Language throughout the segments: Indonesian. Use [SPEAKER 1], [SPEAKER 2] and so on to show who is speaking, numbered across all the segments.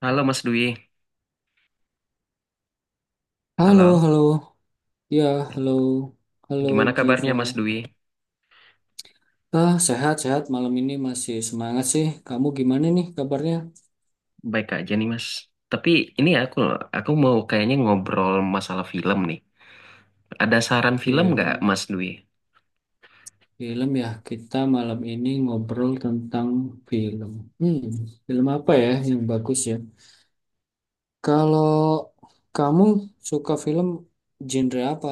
[SPEAKER 1] Halo Mas Dwi.
[SPEAKER 2] Halo,
[SPEAKER 1] Halo.
[SPEAKER 2] halo. Ya,
[SPEAKER 1] Eh,
[SPEAKER 2] halo. Halo,
[SPEAKER 1] Gimana kabarnya
[SPEAKER 2] Giva.
[SPEAKER 1] Mas Dwi?
[SPEAKER 2] Sehat-sehat. Malam ini masih semangat sih. Kamu gimana nih kabarnya?
[SPEAKER 1] Baik aja nih Mas. Tapi ini aku mau kayaknya ngobrol masalah film nih. Ada saran film nggak
[SPEAKER 2] Film.
[SPEAKER 1] Mas Dwi?
[SPEAKER 2] Film ya. Kita malam ini ngobrol tentang film. Hmm, Film apa ya yang bagus ya? Kalau kamu suka film genre apa?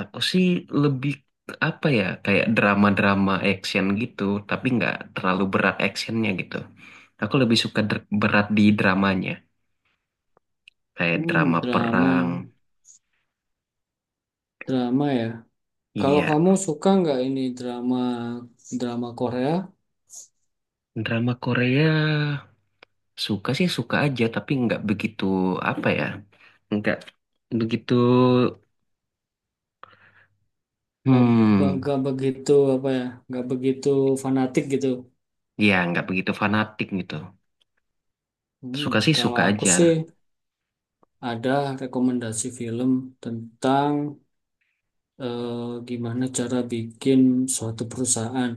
[SPEAKER 1] Aku sih lebih apa ya, kayak drama-drama action gitu, tapi nggak terlalu berat actionnya gitu. Aku lebih suka berat di dramanya, kayak drama perang.
[SPEAKER 2] Drama. Drama ya. Kalau
[SPEAKER 1] Iya,
[SPEAKER 2] kamu suka nggak ini drama drama Korea?
[SPEAKER 1] drama Korea. Suka sih suka aja, tapi nggak begitu apa ya, nggak begitu,
[SPEAKER 2] nggak
[SPEAKER 1] hmm,
[SPEAKER 2] nggak begitu apa ya, nggak begitu fanatik gitu.
[SPEAKER 1] ya nggak begitu fanatik gitu.
[SPEAKER 2] Hmm,
[SPEAKER 1] Suka sih
[SPEAKER 2] kalau
[SPEAKER 1] suka
[SPEAKER 2] aku
[SPEAKER 1] aja.
[SPEAKER 2] sih ada rekomendasi film tentang eh, gimana cara bikin suatu perusahaan.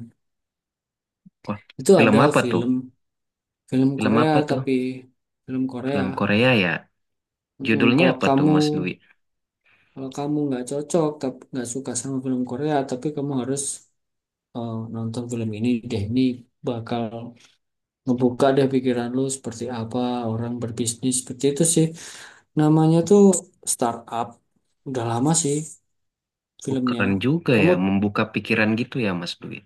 [SPEAKER 1] Wah,
[SPEAKER 2] Itu
[SPEAKER 1] film
[SPEAKER 2] ada
[SPEAKER 1] apa tuh?
[SPEAKER 2] film, film
[SPEAKER 1] Film
[SPEAKER 2] Korea,
[SPEAKER 1] apa
[SPEAKER 2] tapi
[SPEAKER 1] tuh?
[SPEAKER 2] film Korea.
[SPEAKER 1] Film Korea ya.
[SPEAKER 2] Mm,
[SPEAKER 1] Judulnya
[SPEAKER 2] kalau
[SPEAKER 1] apa tuh,
[SPEAKER 2] kamu
[SPEAKER 1] Mas Dwi?
[SPEAKER 2] kalau kamu nggak cocok, tapi nggak suka sama film Korea, tapi kamu harus nonton film ini deh. Ini bakal ngebuka deh pikiran lu seperti apa orang berbisnis seperti itu sih. Namanya tuh Startup. Udah lama sih
[SPEAKER 1] Oh,
[SPEAKER 2] filmnya.
[SPEAKER 1] keren juga ya,
[SPEAKER 2] Kamu
[SPEAKER 1] membuka pikiran gitu ya, Mas Dwi.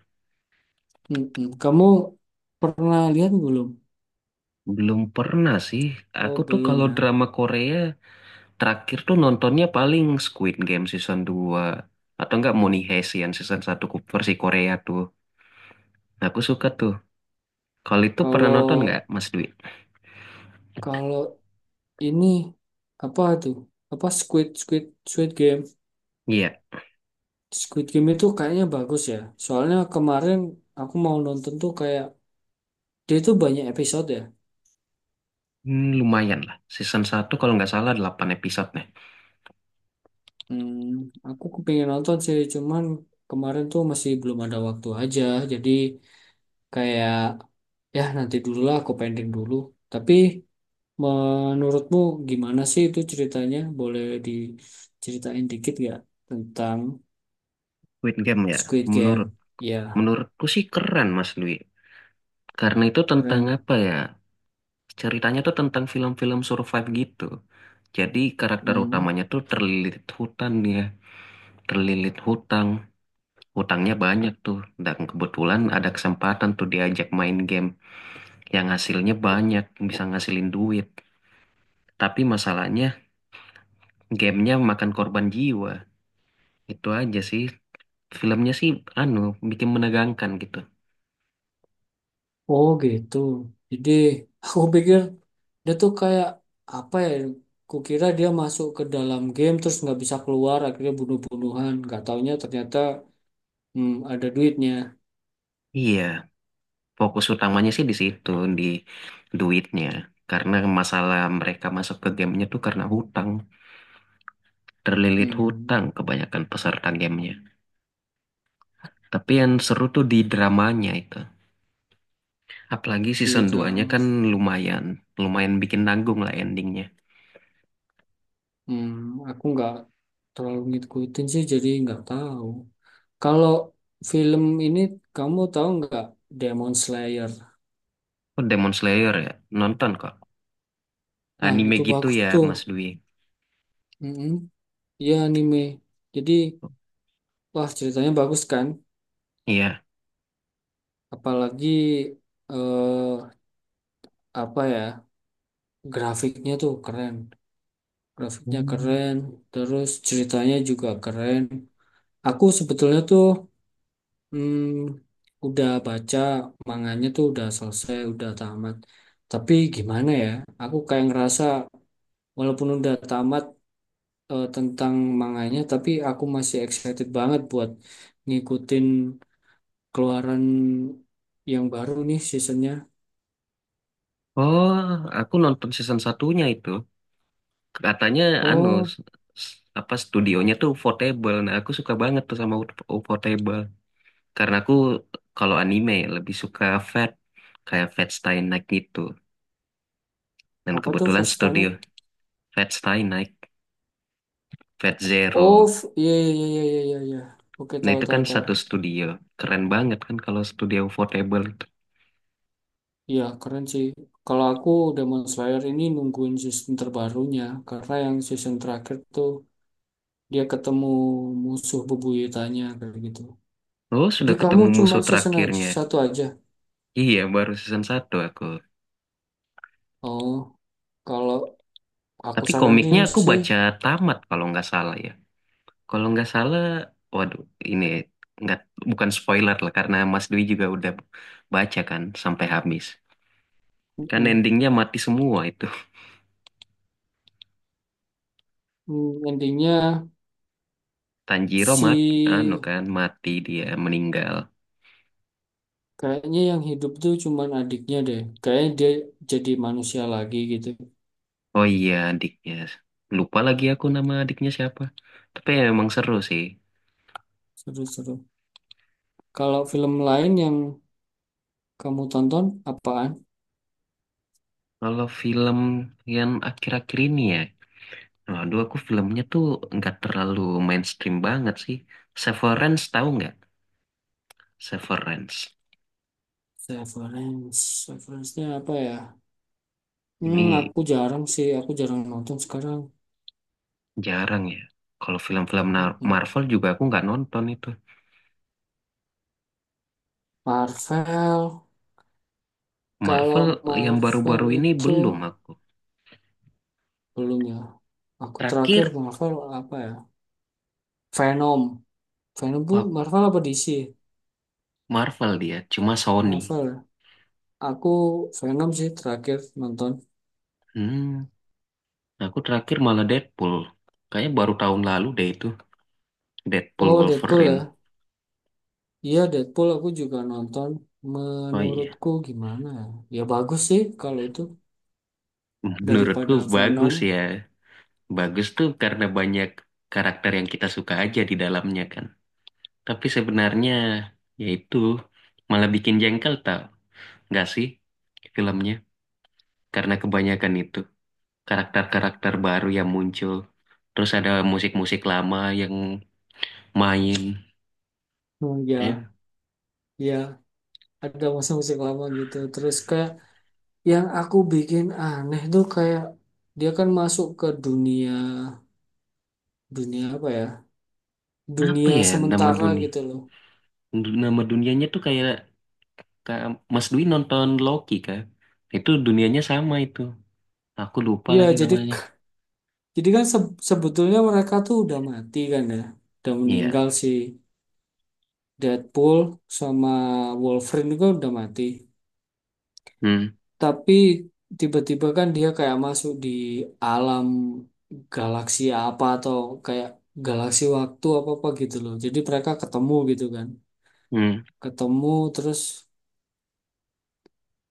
[SPEAKER 2] mm-mm. Kamu pernah lihat belum?
[SPEAKER 1] Belum pernah sih.
[SPEAKER 2] Oh,
[SPEAKER 1] Aku tuh
[SPEAKER 2] belum
[SPEAKER 1] kalau
[SPEAKER 2] ya.
[SPEAKER 1] drama Korea terakhir tuh nontonnya paling Squid Game season 2 atau enggak Money Heist yang season satu versi Korea tuh. Nah, aku suka tuh. Kalau itu pernah
[SPEAKER 2] Kalau
[SPEAKER 1] nonton nggak, Mas Dwi?
[SPEAKER 2] kalau ini apa tuh? Apa Squid Squid Squid Game?
[SPEAKER 1] Iya.
[SPEAKER 2] Squid Game itu kayaknya bagus ya. Soalnya kemarin aku mau nonton tuh, kayak dia itu banyak episode ya.
[SPEAKER 1] Hmm, lumayan lah. Season satu kalau nggak salah delapan episode nih.
[SPEAKER 2] Hmm, aku kepingin nonton sih, cuman kemarin tuh masih belum ada waktu aja. Jadi, kayak ya nanti dulu lah, aku pending dulu. Tapi menurutmu gimana sih itu ceritanya? Boleh diceritain dikit gak tentang
[SPEAKER 1] Squid Game ya,
[SPEAKER 2] Squid Game? Ya,
[SPEAKER 1] menurutku sih keren, Mas Dwi. Karena itu tentang
[SPEAKER 2] keren.
[SPEAKER 1] apa ya? Ceritanya tuh tentang film-film survive gitu. Jadi karakter
[SPEAKER 2] Hmm.
[SPEAKER 1] utamanya tuh terlilit hutan ya, terlilit hutang. Hutangnya banyak tuh, dan kebetulan ada kesempatan tuh diajak main game yang hasilnya banyak, bisa ngasilin duit. Tapi masalahnya, gamenya makan korban jiwa. Itu aja sih. Filmnya sih anu bikin menegangkan gitu.
[SPEAKER 2] Oh gitu. Jadi aku pikir dia tuh kayak apa ya? Kukira dia masuk ke dalam game terus nggak bisa keluar, akhirnya bunuh-bunuhan. Gak taunya ternyata, hmm, ada duitnya.
[SPEAKER 1] Iya, fokus utamanya sih di situ, di duitnya. Karena masalah mereka masuk ke gamenya tuh karena hutang, terlilit
[SPEAKER 2] Hmm,
[SPEAKER 1] hutang kebanyakan peserta gamenya. Tapi yang seru tuh di dramanya itu. Apalagi
[SPEAKER 2] di
[SPEAKER 1] season duanya
[SPEAKER 2] drama.
[SPEAKER 1] kan lumayan, lumayan bikin nanggung lah endingnya.
[SPEAKER 2] Hmm, aku nggak terlalu ngikutin sih, jadi nggak tahu. Kalau film ini, kamu tahu nggak Demon Slayer?
[SPEAKER 1] Oh, Demon Slayer ya, nonton kok.
[SPEAKER 2] Ah,
[SPEAKER 1] Anime
[SPEAKER 2] itu
[SPEAKER 1] gitu
[SPEAKER 2] bagus
[SPEAKER 1] ya
[SPEAKER 2] tuh.
[SPEAKER 1] Mas Dwi.
[SPEAKER 2] Mm-mm. Iya anime. Jadi, wah, ceritanya bagus kan?
[SPEAKER 1] Iya.
[SPEAKER 2] Apalagi eh apa ya? Grafiknya tuh keren. Grafiknya
[SPEAKER 1] Hmm.
[SPEAKER 2] keren, terus ceritanya juga keren. Aku sebetulnya tuh, hmm, udah baca manganya tuh udah selesai, udah tamat. Tapi gimana ya? Aku kayak ngerasa walaupun udah tamat tentang manganya, tapi aku masih excited banget buat ngikutin keluaran yang baru nih seasonnya.
[SPEAKER 1] Oh, aku nonton season satunya itu. Katanya anu
[SPEAKER 2] Oh,
[SPEAKER 1] apa studionya tuh portable. Nah, aku suka banget tuh sama portable. Karena aku kalau anime lebih suka Fate, kayak Fate Stay Night gitu. Dan
[SPEAKER 2] apa tuh
[SPEAKER 1] kebetulan
[SPEAKER 2] Fast Titanic?
[SPEAKER 1] studio Fate Stay Night, Fate
[SPEAKER 2] Oh,
[SPEAKER 1] Zero.
[SPEAKER 2] iya iya iya iya iya iya, iya. Oke,
[SPEAKER 1] Nah,
[SPEAKER 2] tahu
[SPEAKER 1] itu kan
[SPEAKER 2] tahu tahu.
[SPEAKER 1] satu studio. Keren banget kan kalau studio portable itu.
[SPEAKER 2] Iya, keren sih. Kalau aku, Demon Slayer ini nungguin season terbarunya karena yang season terakhir tuh dia ketemu musuh bebuyutannya kayak gitu.
[SPEAKER 1] Oh,
[SPEAKER 2] Jadi
[SPEAKER 1] sudah
[SPEAKER 2] kamu
[SPEAKER 1] ketemu musuh
[SPEAKER 2] cuman season aja,
[SPEAKER 1] terakhirnya.
[SPEAKER 2] satu aja.
[SPEAKER 1] Iya, baru season satu aku.
[SPEAKER 2] Oh, kalau aku
[SPEAKER 1] Tapi komiknya
[SPEAKER 2] saranin
[SPEAKER 1] aku
[SPEAKER 2] sih,
[SPEAKER 1] baca tamat kalau nggak salah ya. Kalau nggak salah, waduh, ini nggak bukan spoiler lah karena Mas Dwi juga udah baca kan sampai habis. Kan
[SPEAKER 2] mm,
[SPEAKER 1] endingnya mati semua itu.
[SPEAKER 2] mm, intinya
[SPEAKER 1] Tanjiro mat, anu
[SPEAKER 2] si,
[SPEAKER 1] kan mati, dia meninggal.
[SPEAKER 2] kayaknya yang hidup tuh cuman adiknya deh. Kayaknya dia jadi manusia lagi gitu.
[SPEAKER 1] Oh iya, adiknya. Lupa lagi aku nama adiknya siapa. Tapi ya emang seru sih.
[SPEAKER 2] Seru-seru. Kalau film lain yang kamu tonton apaan?
[SPEAKER 1] Kalau film yang akhir-akhir ini ya, waduh aku filmnya tuh nggak terlalu mainstream banget sih. Severance tahu nggak? Severance.
[SPEAKER 2] Severance. Severance-nya apa ya? Hmm,
[SPEAKER 1] Ini
[SPEAKER 2] aku jarang sih, aku jarang nonton sekarang.
[SPEAKER 1] jarang ya. Kalau film-film
[SPEAKER 2] Mm-mm.
[SPEAKER 1] Marvel juga aku nggak nonton itu.
[SPEAKER 2] Marvel. Kalau
[SPEAKER 1] Marvel yang
[SPEAKER 2] Marvel
[SPEAKER 1] baru-baru ini
[SPEAKER 2] itu
[SPEAKER 1] belum aku.
[SPEAKER 2] belum ya. Aku terakhir
[SPEAKER 1] Terakhir
[SPEAKER 2] Marvel apa ya? Venom. Venom tuh
[SPEAKER 1] wak-
[SPEAKER 2] Marvel apa DC?
[SPEAKER 1] Marvel dia, cuma Sony.
[SPEAKER 2] Marvel ya? Aku Venom sih terakhir nonton.
[SPEAKER 1] Hmm, aku terakhir malah Deadpool. Kayaknya baru tahun lalu deh itu Deadpool
[SPEAKER 2] Oh Deadpool
[SPEAKER 1] Wolverine.
[SPEAKER 2] ya. Iya Deadpool aku juga nonton.
[SPEAKER 1] Oh iya,
[SPEAKER 2] Menurutku gimana ya? Ya bagus sih kalau itu
[SPEAKER 1] menurutku
[SPEAKER 2] daripada Venom.
[SPEAKER 1] bagus ya. Bagus tuh karena banyak karakter yang kita suka aja di dalamnya kan. Tapi sebenarnya yaitu malah bikin jengkel tau, nggak sih filmnya? Karena kebanyakan itu, karakter-karakter baru yang muncul. Terus ada musik-musik lama yang main.
[SPEAKER 2] Hmm, ya,
[SPEAKER 1] Kayak
[SPEAKER 2] ya ada musik-musik lama gitu. Terus kayak yang aku bikin aneh tuh, kayak dia kan masuk ke dunia, dunia apa ya,
[SPEAKER 1] apa
[SPEAKER 2] dunia
[SPEAKER 1] ya nama
[SPEAKER 2] sementara
[SPEAKER 1] dunia?
[SPEAKER 2] gitu loh.
[SPEAKER 1] Nama dunianya tuh kayak, kayak Mas Dwi nonton Loki kan? Itu dunianya sama itu. Aku lupa
[SPEAKER 2] Iya
[SPEAKER 1] lagi
[SPEAKER 2] jadi
[SPEAKER 1] namanya.
[SPEAKER 2] jadi kan sebetulnya mereka tuh udah mati kan ya, udah
[SPEAKER 1] Iya.
[SPEAKER 2] meninggal si Deadpool sama Wolverine juga udah mati,
[SPEAKER 1] Hmm.
[SPEAKER 2] tapi tiba-tiba kan dia kayak masuk di alam galaksi apa, atau kayak galaksi waktu apa apa gitu loh, jadi mereka ketemu gitu kan.
[SPEAKER 1] Hmm.
[SPEAKER 2] Ketemu terus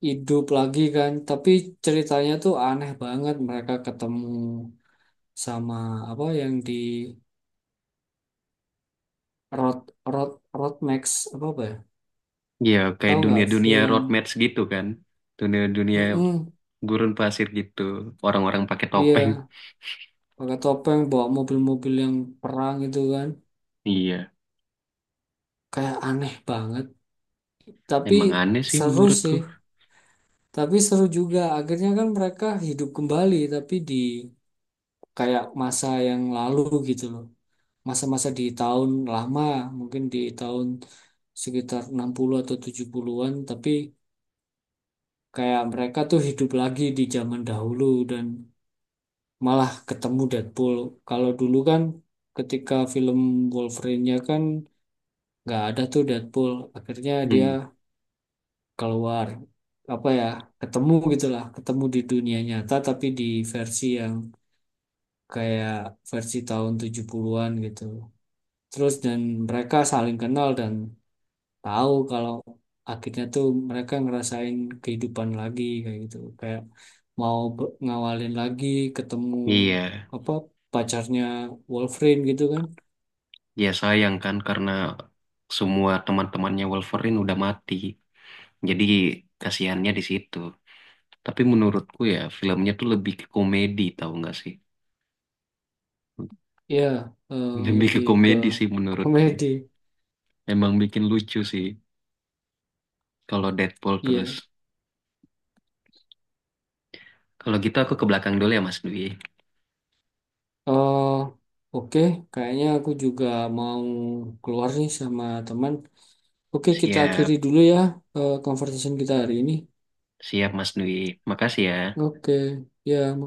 [SPEAKER 2] hidup lagi kan, tapi ceritanya tuh aneh banget. Mereka ketemu sama apa yang di Road Road Road Max apa apa ya,
[SPEAKER 1] Iya, kayak
[SPEAKER 2] tahu nggak
[SPEAKER 1] dunia-dunia
[SPEAKER 2] film?
[SPEAKER 1] road match gitu kan. Dunia-dunia
[SPEAKER 2] Mm-mm,
[SPEAKER 1] gurun pasir gitu. Orang-orang pakai topeng.
[SPEAKER 2] iya pakai topeng bawa mobil-mobil yang perang itu kan,
[SPEAKER 1] Iya.
[SPEAKER 2] kayak aneh banget tapi
[SPEAKER 1] Emang aneh sih
[SPEAKER 2] seru
[SPEAKER 1] menurutku.
[SPEAKER 2] sih. Tapi seru juga akhirnya kan mereka hidup kembali, tapi di kayak masa yang lalu gitu loh, masa-masa di tahun lama, mungkin di tahun sekitar 60 atau 70-an, tapi kayak mereka tuh hidup lagi di zaman dahulu dan malah ketemu Deadpool. Kalau dulu kan ketika film Wolverine-nya kan nggak ada tuh Deadpool. Akhirnya dia
[SPEAKER 1] Hmm.
[SPEAKER 2] keluar, apa ya, ketemu gitulah, ketemu di dunia nyata tapi di versi yang kayak versi tahun 70-an gitu. Terus dan mereka saling kenal dan tahu kalau akhirnya tuh mereka ngerasain kehidupan lagi kayak gitu, kayak mau ngawalin lagi, ketemu
[SPEAKER 1] Iya.
[SPEAKER 2] apa pacarnya Wolverine gitu kan.
[SPEAKER 1] Ya sayang kan karena semua teman-temannya Wolverine udah mati. Jadi kasihannya di situ. Tapi menurutku ya filmnya tuh lebih ke komedi tahu nggak sih?
[SPEAKER 2] Ya eh,
[SPEAKER 1] Lebih ke
[SPEAKER 2] lebih ke
[SPEAKER 1] komedi sih menurutku.
[SPEAKER 2] komedi.
[SPEAKER 1] Emang bikin lucu sih kalau Deadpool terus.
[SPEAKER 2] Iya,
[SPEAKER 1] Kalau gitu aku ke belakang dulu ya Mas Dwi.
[SPEAKER 2] eh oke, kayaknya aku juga mau keluar nih sama teman. Oke, kita akhiri
[SPEAKER 1] Siap,
[SPEAKER 2] dulu ya conversation kita hari ini.
[SPEAKER 1] siap Mas Dwi. Makasih ya.
[SPEAKER 2] Oke, ya makasih.